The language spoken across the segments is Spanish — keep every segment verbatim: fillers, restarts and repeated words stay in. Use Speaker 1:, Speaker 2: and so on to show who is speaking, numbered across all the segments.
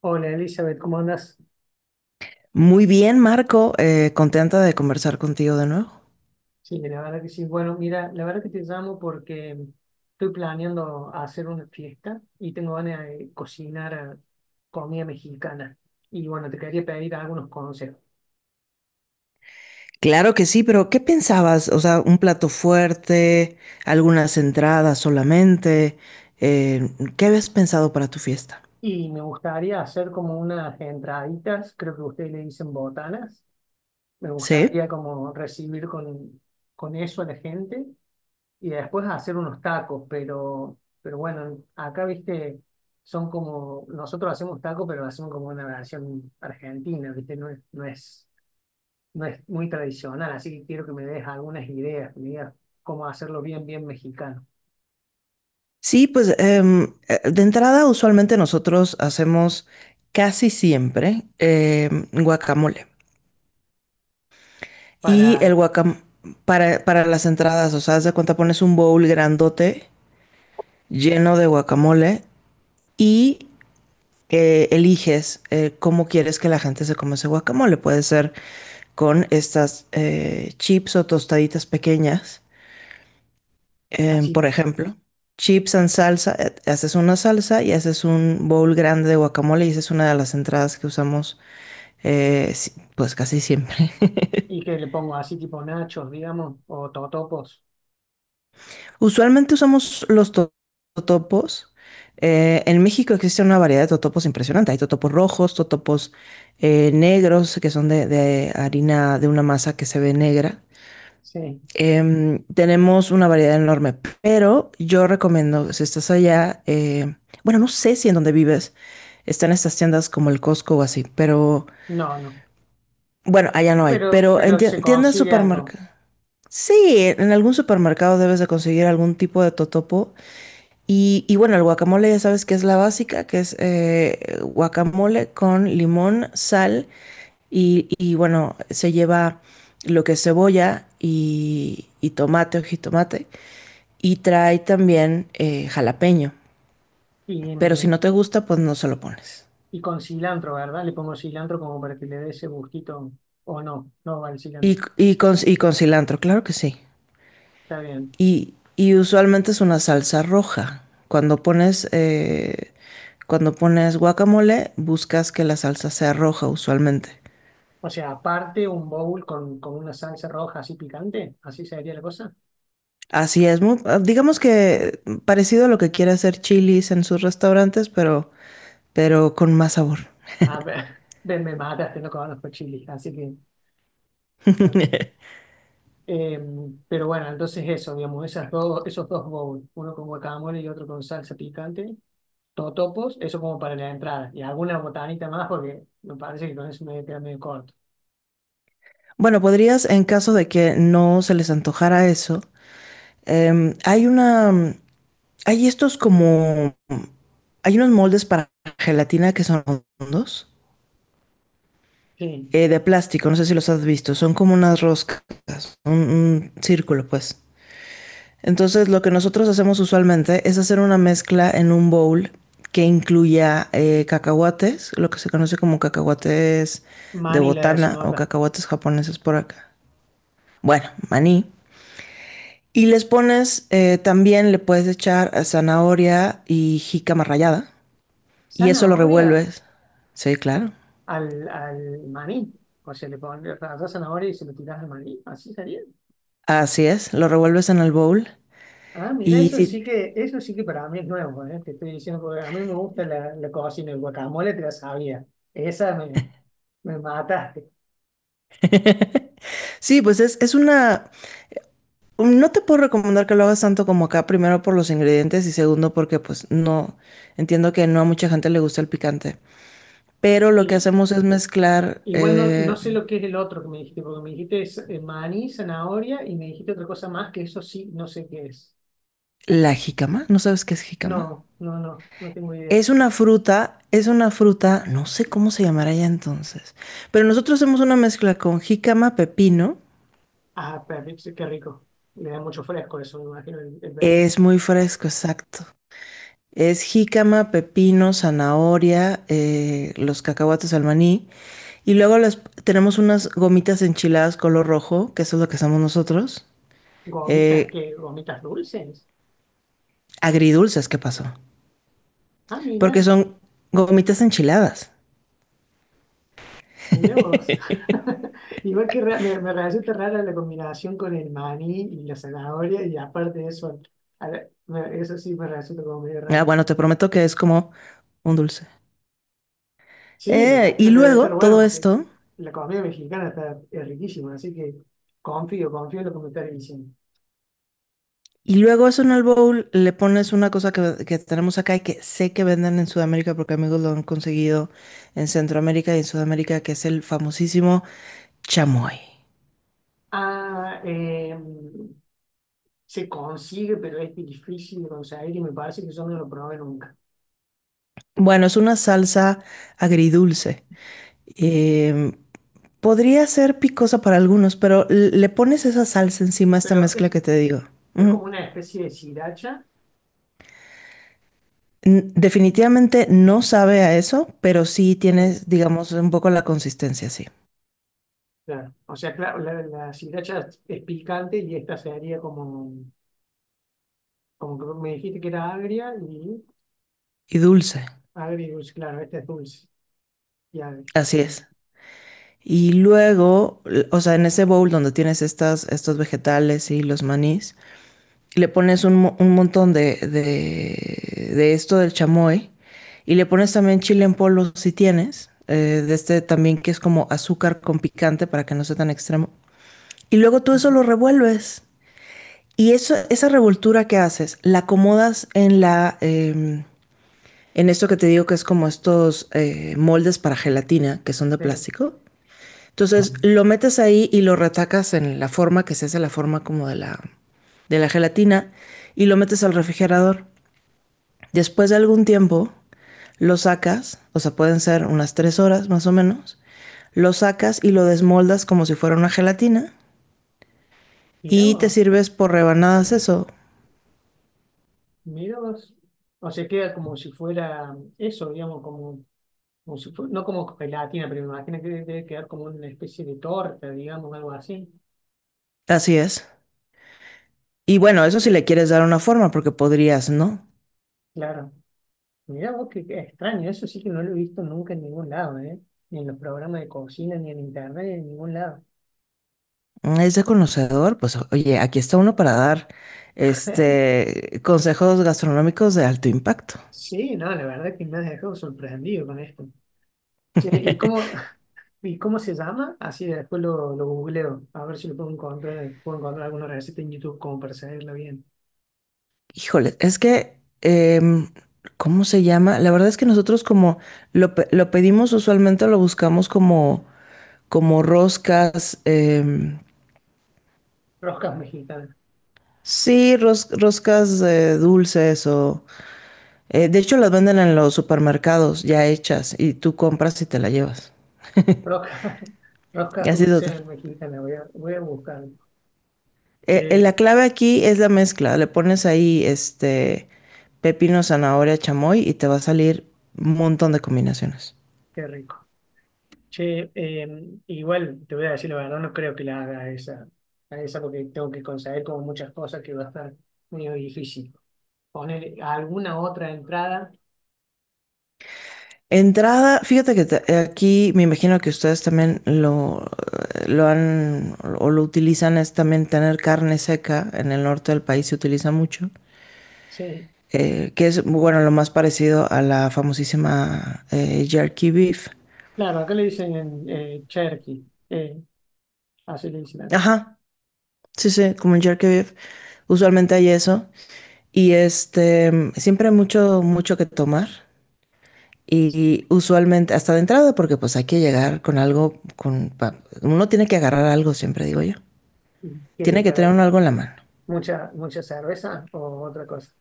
Speaker 1: Hola Elizabeth, ¿cómo andas?
Speaker 2: Muy bien, Marco, eh, contenta de conversar contigo de nuevo.
Speaker 1: Sí, la verdad que sí. Bueno, mira, la verdad que te llamo porque estoy planeando hacer una fiesta y tengo ganas de cocinar eh, comida mexicana. Y bueno, te quería pedir algunos consejos.
Speaker 2: Claro que sí, pero ¿qué pensabas? O sea, ¿un plato fuerte, algunas entradas solamente, eh, qué habías pensado para tu fiesta?
Speaker 1: Y me gustaría hacer como unas entraditas, creo que ustedes le dicen botanas. Me
Speaker 2: Sí,
Speaker 1: gustaría como recibir con, con eso a la gente. Y después hacer unos tacos, pero, pero bueno, acá viste, son como, nosotros hacemos tacos, pero lo hacemos como una versión argentina, viste, no es, no es, no es muy tradicional, así que quiero que me des algunas ideas, que me digas cómo hacerlo bien, bien mexicano,
Speaker 2: sí, pues em, eh, de entrada usualmente nosotros hacemos casi siempre em, guacamole. Y el
Speaker 1: para
Speaker 2: guacamole para, para las entradas, o sea, haz de cuenta pones un bowl grandote lleno de guacamole y eh, eliges eh, cómo quieres que la gente se coma ese guacamole. Puede ser con estas eh, chips o tostaditas pequeñas, em,
Speaker 1: así,
Speaker 2: por ejemplo. Chips en salsa, eh, haces una salsa y haces un bowl grande de guacamole y esa es una de las entradas que usamos eh, si- pues casi siempre.
Speaker 1: y que le pongo así tipo nachos, digamos, o totopos,
Speaker 2: Usualmente usamos los to- totopos. Eh, en México existe una variedad de totopos impresionante. Hay totopos rojos, totopos eh, negros, que son de, de harina de una masa que se ve negra.
Speaker 1: sí,
Speaker 2: Em, tenemos una variedad enorme, pero yo recomiendo, si estás allá, eh, bueno, no sé si en donde vives están estas tiendas como el Costco o así, pero
Speaker 1: no, no,
Speaker 2: bueno, allá no hay,
Speaker 1: pero,
Speaker 2: pero en
Speaker 1: pero
Speaker 2: tie-
Speaker 1: se
Speaker 2: tiendas,
Speaker 1: consigue algo.
Speaker 2: supermercados. Sí, en algún supermercado debes de conseguir algún tipo de totopo y, y bueno, el guacamole ya sabes que es la básica, que es eh, guacamole con limón, sal y, y bueno, se lleva lo que es cebolla y, y tomate o jitomate y trae también eh, jalapeño.
Speaker 1: Y,
Speaker 2: Pero si
Speaker 1: mm,
Speaker 2: no te gusta, pues no se lo pones.
Speaker 1: y con cilantro, ¿verdad? Le pongo cilantro como para que le dé ese gustito. O no, no va el
Speaker 2: Y,
Speaker 1: cilantro.
Speaker 2: y, con, y con cilantro, claro que sí.
Speaker 1: Está bien.
Speaker 2: Y, y usualmente es una salsa roja. Cuando pones, eh, cuando pones guacamole, buscas que la salsa sea roja usualmente.
Speaker 1: O sea, aparte un bowl con, con una salsa roja así picante, así sería la cosa.
Speaker 2: Así es, mu- ah, digamos que mm, parecido a lo que quiere hacer Chili's en sus restaurantes, pero, pero con más sabor.
Speaker 1: A ver, ven, me mataste, no conozco chili, así que. eh, em, pero bueno, entonces eso, digamos, esas dos, esos dos bowls, uno con guacamole y otro con salsa picante, totopos, eso como para la entrada. Y alguna botanita más porque me parece que con eso me voy a quedar medio corto.
Speaker 2: Bueno, podrías, en caso de que no se les antojara eso, em, hay una, mm, hay estos como, hay unos moldes para gelatina que son redondos,
Speaker 1: Sí,
Speaker 2: eh, de plástico, no sé si los has visto, son como unas roscas, un, un círculo, pues. Entonces, lo que nosotros hacemos usualmente es hacer una mezcla en un bowl que incluya eh, cacahuates, lo que se conoce como cacahuates de
Speaker 1: mani le
Speaker 2: botana
Speaker 1: decimos
Speaker 2: o
Speaker 1: acá.
Speaker 2: cacahuates japoneses por acá. Bueno, maní. Y les pones, eh, también le puedes echar zanahoria y jícama rallada. Y eso lo
Speaker 1: ¿Zanahoria?
Speaker 2: revuelves. Sí, claro.
Speaker 1: Al, al maní. O sea, le pones rallás zanahoria y se lo tirás al maní. Así sería.
Speaker 2: Así es, lo revuelves en el bowl.
Speaker 1: Ah, mira,
Speaker 2: Y
Speaker 1: eso sí
Speaker 2: sí,
Speaker 1: que, eso sí que para mí es nuevo, ¿eh? Te estoy diciendo porque a mí me gusta la, la cocina, el guacamole te la sabía. Esa me, me mataste.
Speaker 2: sí pues es, es una, no te puedo recomendar que lo hagas tanto como acá, primero por los ingredientes y segundo porque pues no, entiendo que no a mucha gente le gusta el picante. Pero lo que
Speaker 1: Y,
Speaker 2: hacemos es mezclar
Speaker 1: igual no, no
Speaker 2: eh,
Speaker 1: sé lo que es el otro que me dijiste, porque me dijiste es, eh, maní, zanahoria y me dijiste otra cosa más que eso sí, no sé qué es.
Speaker 2: la jícama. ¿No sabes qué es jícama?
Speaker 1: No, no, no, no tengo idea.
Speaker 2: Es una fruta, es una fruta, no sé cómo se llamará ya entonces. Pero nosotros hacemos una mezcla con jícama, pepino.
Speaker 1: Ah, pero qué rico. Le da mucho fresco eso, me imagino, el, el bebé.
Speaker 2: Es muy fresco, exacto. Es jícama, pepino, zanahoria, eh, los cacahuates, al maní. Y luego les, tenemos unas gomitas enchiladas color rojo, que eso es lo que hacemos nosotros.
Speaker 1: Gomitas,
Speaker 2: Eh,
Speaker 1: que gomitas dulces.
Speaker 2: agridulces, ¿qué pasó?
Speaker 1: Ah,
Speaker 2: Porque
Speaker 1: mira,
Speaker 2: son gomitas enchiladas.
Speaker 1: mira vos. Igual que re- me, me resulta rara la combinación con el maní y la zanahoria, y aparte de eso, a la- me- eso sí me resulta como medio
Speaker 2: Ah,
Speaker 1: raro.
Speaker 2: bueno, te prometo que es como un dulce.
Speaker 1: Sí, me
Speaker 2: Eh, y
Speaker 1: imagino que debe
Speaker 2: luego
Speaker 1: estar bueno
Speaker 2: todo
Speaker 1: porque
Speaker 2: esto,
Speaker 1: la comida mexicana está, es riquísima, así que confío, confío en lo que me estás diciendo.
Speaker 2: y luego eso en el bowl le pones una cosa que, que tenemos acá y que sé que venden en Sudamérica porque amigos lo han conseguido en Centroamérica y en Sudamérica, que es el famosísimo chamoy.
Speaker 1: Ah, eh, se consigue, pero es difícil de conseguir y me parece que yo no lo probé nunca.
Speaker 2: Bueno, es una salsa agridulce. Eh, Podría ser picosa para algunos, pero l- le pones esa salsa encima a esta
Speaker 1: Pero es,
Speaker 2: mezcla que te digo.
Speaker 1: es
Speaker 2: Ujú.
Speaker 1: como una especie de sriracha.
Speaker 2: N- Definitivamente no sabe a eso, pero sí
Speaker 1: Sí.
Speaker 2: tienes, digamos, un poco la consistencia, sí.
Speaker 1: Claro. O sea, claro, la, la sriracha es es picante y esta sería como, como que me dijiste que era agria y
Speaker 2: Y dulce,
Speaker 1: agria y dulce, claro, esta es dulce y agria.
Speaker 2: así es. Y luego, l- o sea, en ese bowl donde tienes estas, estos vegetales y los manís, le pones un, mo- un montón de, de, de esto del chamoy y le pones también chile en polvo si tienes, eh, de este también que es como azúcar con picante para que no sea tan extremo. Y luego tú eso
Speaker 1: Ujú.
Speaker 2: lo revuelves. Y eso, esa revoltura que haces, la acomodas en la eh, en esto que te digo que es como estos eh, moldes para gelatina que son de
Speaker 1: Sí.
Speaker 2: plástico. Entonces lo metes ahí y lo retacas en la forma que se hace, la forma como de la, de la gelatina y lo metes al refrigerador. Después de algún tiempo lo sacas, o sea, pueden ser unas tres horas más o menos, lo sacas y lo desmoldas como si fuera una gelatina
Speaker 1: Mirá
Speaker 2: y te
Speaker 1: vos,
Speaker 2: sirves por rebanadas eso.
Speaker 1: mirá vos. O sea, queda como si fuera eso, digamos, como, como si fue- no como gelatina, pero me imagino que debe quedar como una especie de torta, digamos, algo así.
Speaker 2: Así es. Y bueno, eso si le quieres dar una forma, porque podrías, ¿no?
Speaker 1: Claro. Mirá vos, qué, qué extraño, eso sí que no lo he visto nunca en ningún lado, ¿eh? Ni en los programas de cocina, ni en internet, ni en ningún lado.
Speaker 2: Es de conocedor, pues oye, aquí está uno para dar este consejos gastronómicos de alto impacto.
Speaker 1: Sí, no, la verdad que me has dejado sorprendido con esto. Che, ¿y cómo, y cómo se llama? Así después lo, lo googleo, a ver si lo puedo encontrar, puedo encontrar alguna receta en YouTube como para seguirla bien.
Speaker 2: Híjole, es que, em, ¿cómo se llama? La verdad es que nosotros como lo, pe- lo pedimos usualmente, lo buscamos como, como roscas, em,
Speaker 1: Roscas mexicanas,
Speaker 2: sí, ros- roscas eh, dulces o eh, de hecho, las venden en los supermercados ya hechas y tú compras y te la llevas.
Speaker 1: roscas,
Speaker 2: Y
Speaker 1: roscas
Speaker 2: así total.
Speaker 1: dulces mexicanas, voy a, voy a buscarlo.
Speaker 2: Eh, eh, la
Speaker 1: Che,
Speaker 2: clave aquí es la mezcla. Le pones ahí este pepino, zanahoria, chamoy y te va a salir un montón de combinaciones.
Speaker 1: qué rico. Che, eh, igual te voy a decir la verdad, no creo que la haga a esa, a esa porque tengo que conseguir como muchas cosas que va a estar medio difícil. Poner alguna otra entrada,
Speaker 2: Entrada, fíjate que te- aquí me imagino que ustedes también lo, eh, lo han o lo utilizan, es también tener carne seca. En el norte del país se utiliza mucho,
Speaker 1: sí.
Speaker 2: eh, que es, bueno, lo más parecido a la famosísima eh, jerky beef.
Speaker 1: Claro, acá le dicen eh, Cherky, eh, así le dicen acá.
Speaker 2: Ajá, sí, sí, como el jerky beef. Usualmente hay eso. Y este, siempre hay mucho, mucho que tomar. Y usualmente, hasta de entrada, porque pues hay que llegar con algo, con, pa- uno tiene que agarrar algo, siempre digo yo.
Speaker 1: Que
Speaker 2: Tiene que tener
Speaker 1: para
Speaker 2: uno algo en la mano.
Speaker 1: mucha, mucha cerveza o otra cosa.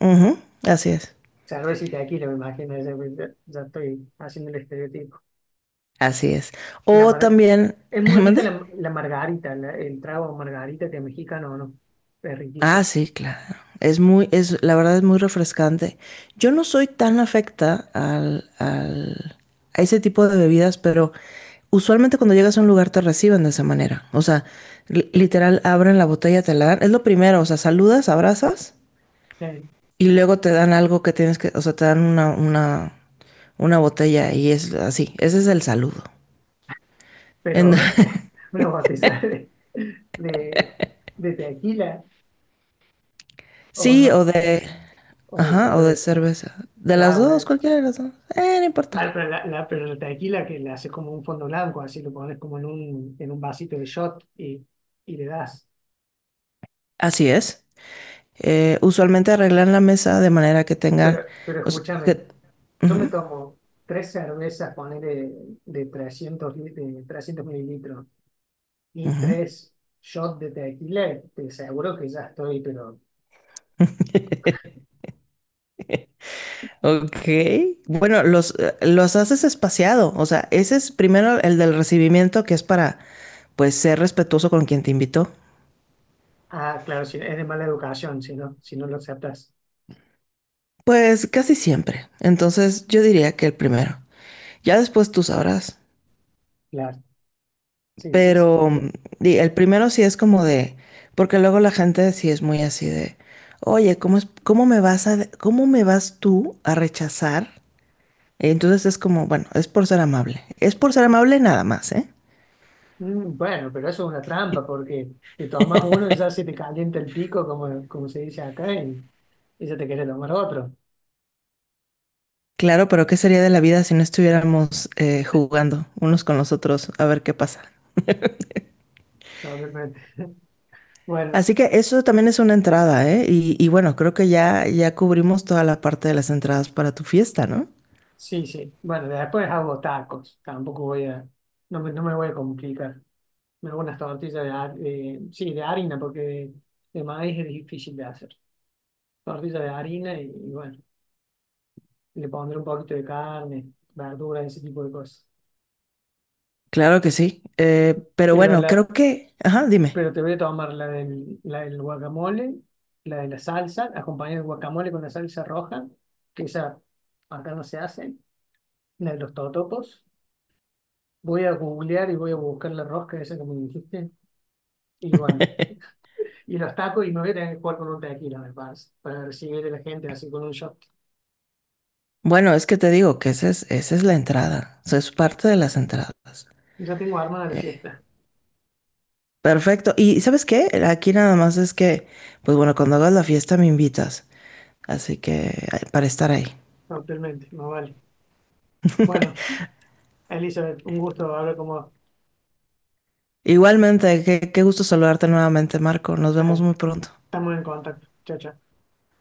Speaker 2: Ujú, así es.
Speaker 1: Cerveza y tequila, me imagino, ya, ya- ya estoy haciendo el estereotipo.
Speaker 2: Así es.
Speaker 1: La
Speaker 2: O
Speaker 1: mar-
Speaker 2: también,
Speaker 1: es muy rica
Speaker 2: ¿mande?
Speaker 1: la, la margarita, la- el trago margarita que es mexicano, ¿no? Es
Speaker 2: Ah,
Speaker 1: riquísimo.
Speaker 2: sí, claro. Es muy, es, la verdad es muy refrescante. Yo no soy tan afecta al, al- a ese tipo de bebidas, pero usualmente cuando llegas a un lugar te reciben de esa manera. O sea, li- literal, abren la botella, te la dan. Es lo primero, o sea, saludas, abrazas
Speaker 1: Sí.
Speaker 2: y luego te dan algo que tienes que, o sea, te dan una, una, una botella y es así. Ese es el saludo. En-
Speaker 1: Pero eh, una botella de, de, de tequila o,
Speaker 2: sí,
Speaker 1: una-
Speaker 2: o de,
Speaker 1: o de
Speaker 2: ajá, o de
Speaker 1: cerveza,
Speaker 2: cerveza. De las
Speaker 1: claro,
Speaker 2: dos,
Speaker 1: bueno,
Speaker 2: cualquiera de las dos. Eh, no
Speaker 1: vale,
Speaker 2: importa.
Speaker 1: pero la, la- pero la tequila que le haces como un fondo blanco, así lo pones como en un, en un vasito de shot y, y le das.
Speaker 2: Así es. Eh, usualmente arreglan la mesa de manera que
Speaker 1: Pero,
Speaker 2: tengan
Speaker 1: pero
Speaker 2: o sea,
Speaker 1: escúchame,
Speaker 2: que-
Speaker 1: yo me
Speaker 2: ujú,
Speaker 1: tomo tres cervezas, ponele de trescientos, lit- de trescientos mililitros y
Speaker 2: ujú.
Speaker 1: tres shots de tequila, te aseguro que ya estoy, pero...
Speaker 2: Ok. Bueno, los, eh, los haces espaciado. O sea, ese es primero el del recibimiento, que es para, pues, ser respetuoso con quien te invitó.
Speaker 1: Ah, claro, si, es de mala educación, si no, si no lo aceptas.
Speaker 2: Pues casi siempre. Entonces, yo diría que el primero. Ya después tú sabrás.
Speaker 1: Claro, sí, sí, sí.
Speaker 2: Pero mm, di- el primero sí es como de, porque luego la gente sí es muy así de, oye, ¿cómo es, cómo me vas a, cómo me vas tú a rechazar? Entonces es como, bueno, es por ser amable. Es por ser amable nada más, ¿eh?
Speaker 1: Mm, bueno, pero eso es una trampa porque te tomas uno y ya se te calienta el pico, como, como se dice acá, y, y ya te quieres tomar otro.
Speaker 2: Claro, pero ¿qué sería de la vida si no estuviéramos eh, jugando unos con los otros a ver qué pasa?
Speaker 1: No, de bueno,
Speaker 2: Así que eso también es una entrada, ¿eh? Y, y bueno, creo que ya, ya cubrimos toda la parte de las entradas para tu fiesta, ¿no?
Speaker 1: sí, sí. Bueno, después hago tacos. Tampoco voy a, no me, no me voy a complicar. Me hago unas tortillas de, har- de- sí, de harina porque de, de maíz es difícil de hacer. Tortillas de harina y, y bueno, le pondré un poquito de carne, verduras, ese tipo de cosas.
Speaker 2: Claro que sí. Eh, pero
Speaker 1: Pero
Speaker 2: bueno, creo
Speaker 1: la,
Speaker 2: que Ajá, dime.
Speaker 1: pero te voy a tomar la del, la del guacamole, la de la salsa, acompañada del guacamole con la salsa roja, que esa acá no se hace, la de los totopos. Voy a googlear y voy a buscar la rosca esa que me dijiste. Y bueno, y los tacos y me voy a tener que jugar con un tequila, me parece, para recibir a la gente así con un shot.
Speaker 2: Bueno, es que te digo que esa es, esa es la entrada. O sea, es parte de las entradas.
Speaker 1: Ya tengo armada la fiesta,
Speaker 2: Perfecto. ¿Y sabes qué? Aquí nada más es que, pues bueno, cuando hagas la fiesta me invitas. Así que, ay, para estar ahí.
Speaker 1: actualmente, no vale. Bueno, Elizabeth, un gusto hablar con vos.
Speaker 2: Igualmente, qué, qué gusto saludarte nuevamente, Marco. Nos vemos
Speaker 1: Dale,
Speaker 2: muy pronto.
Speaker 1: estamos en contacto. Chao, chao.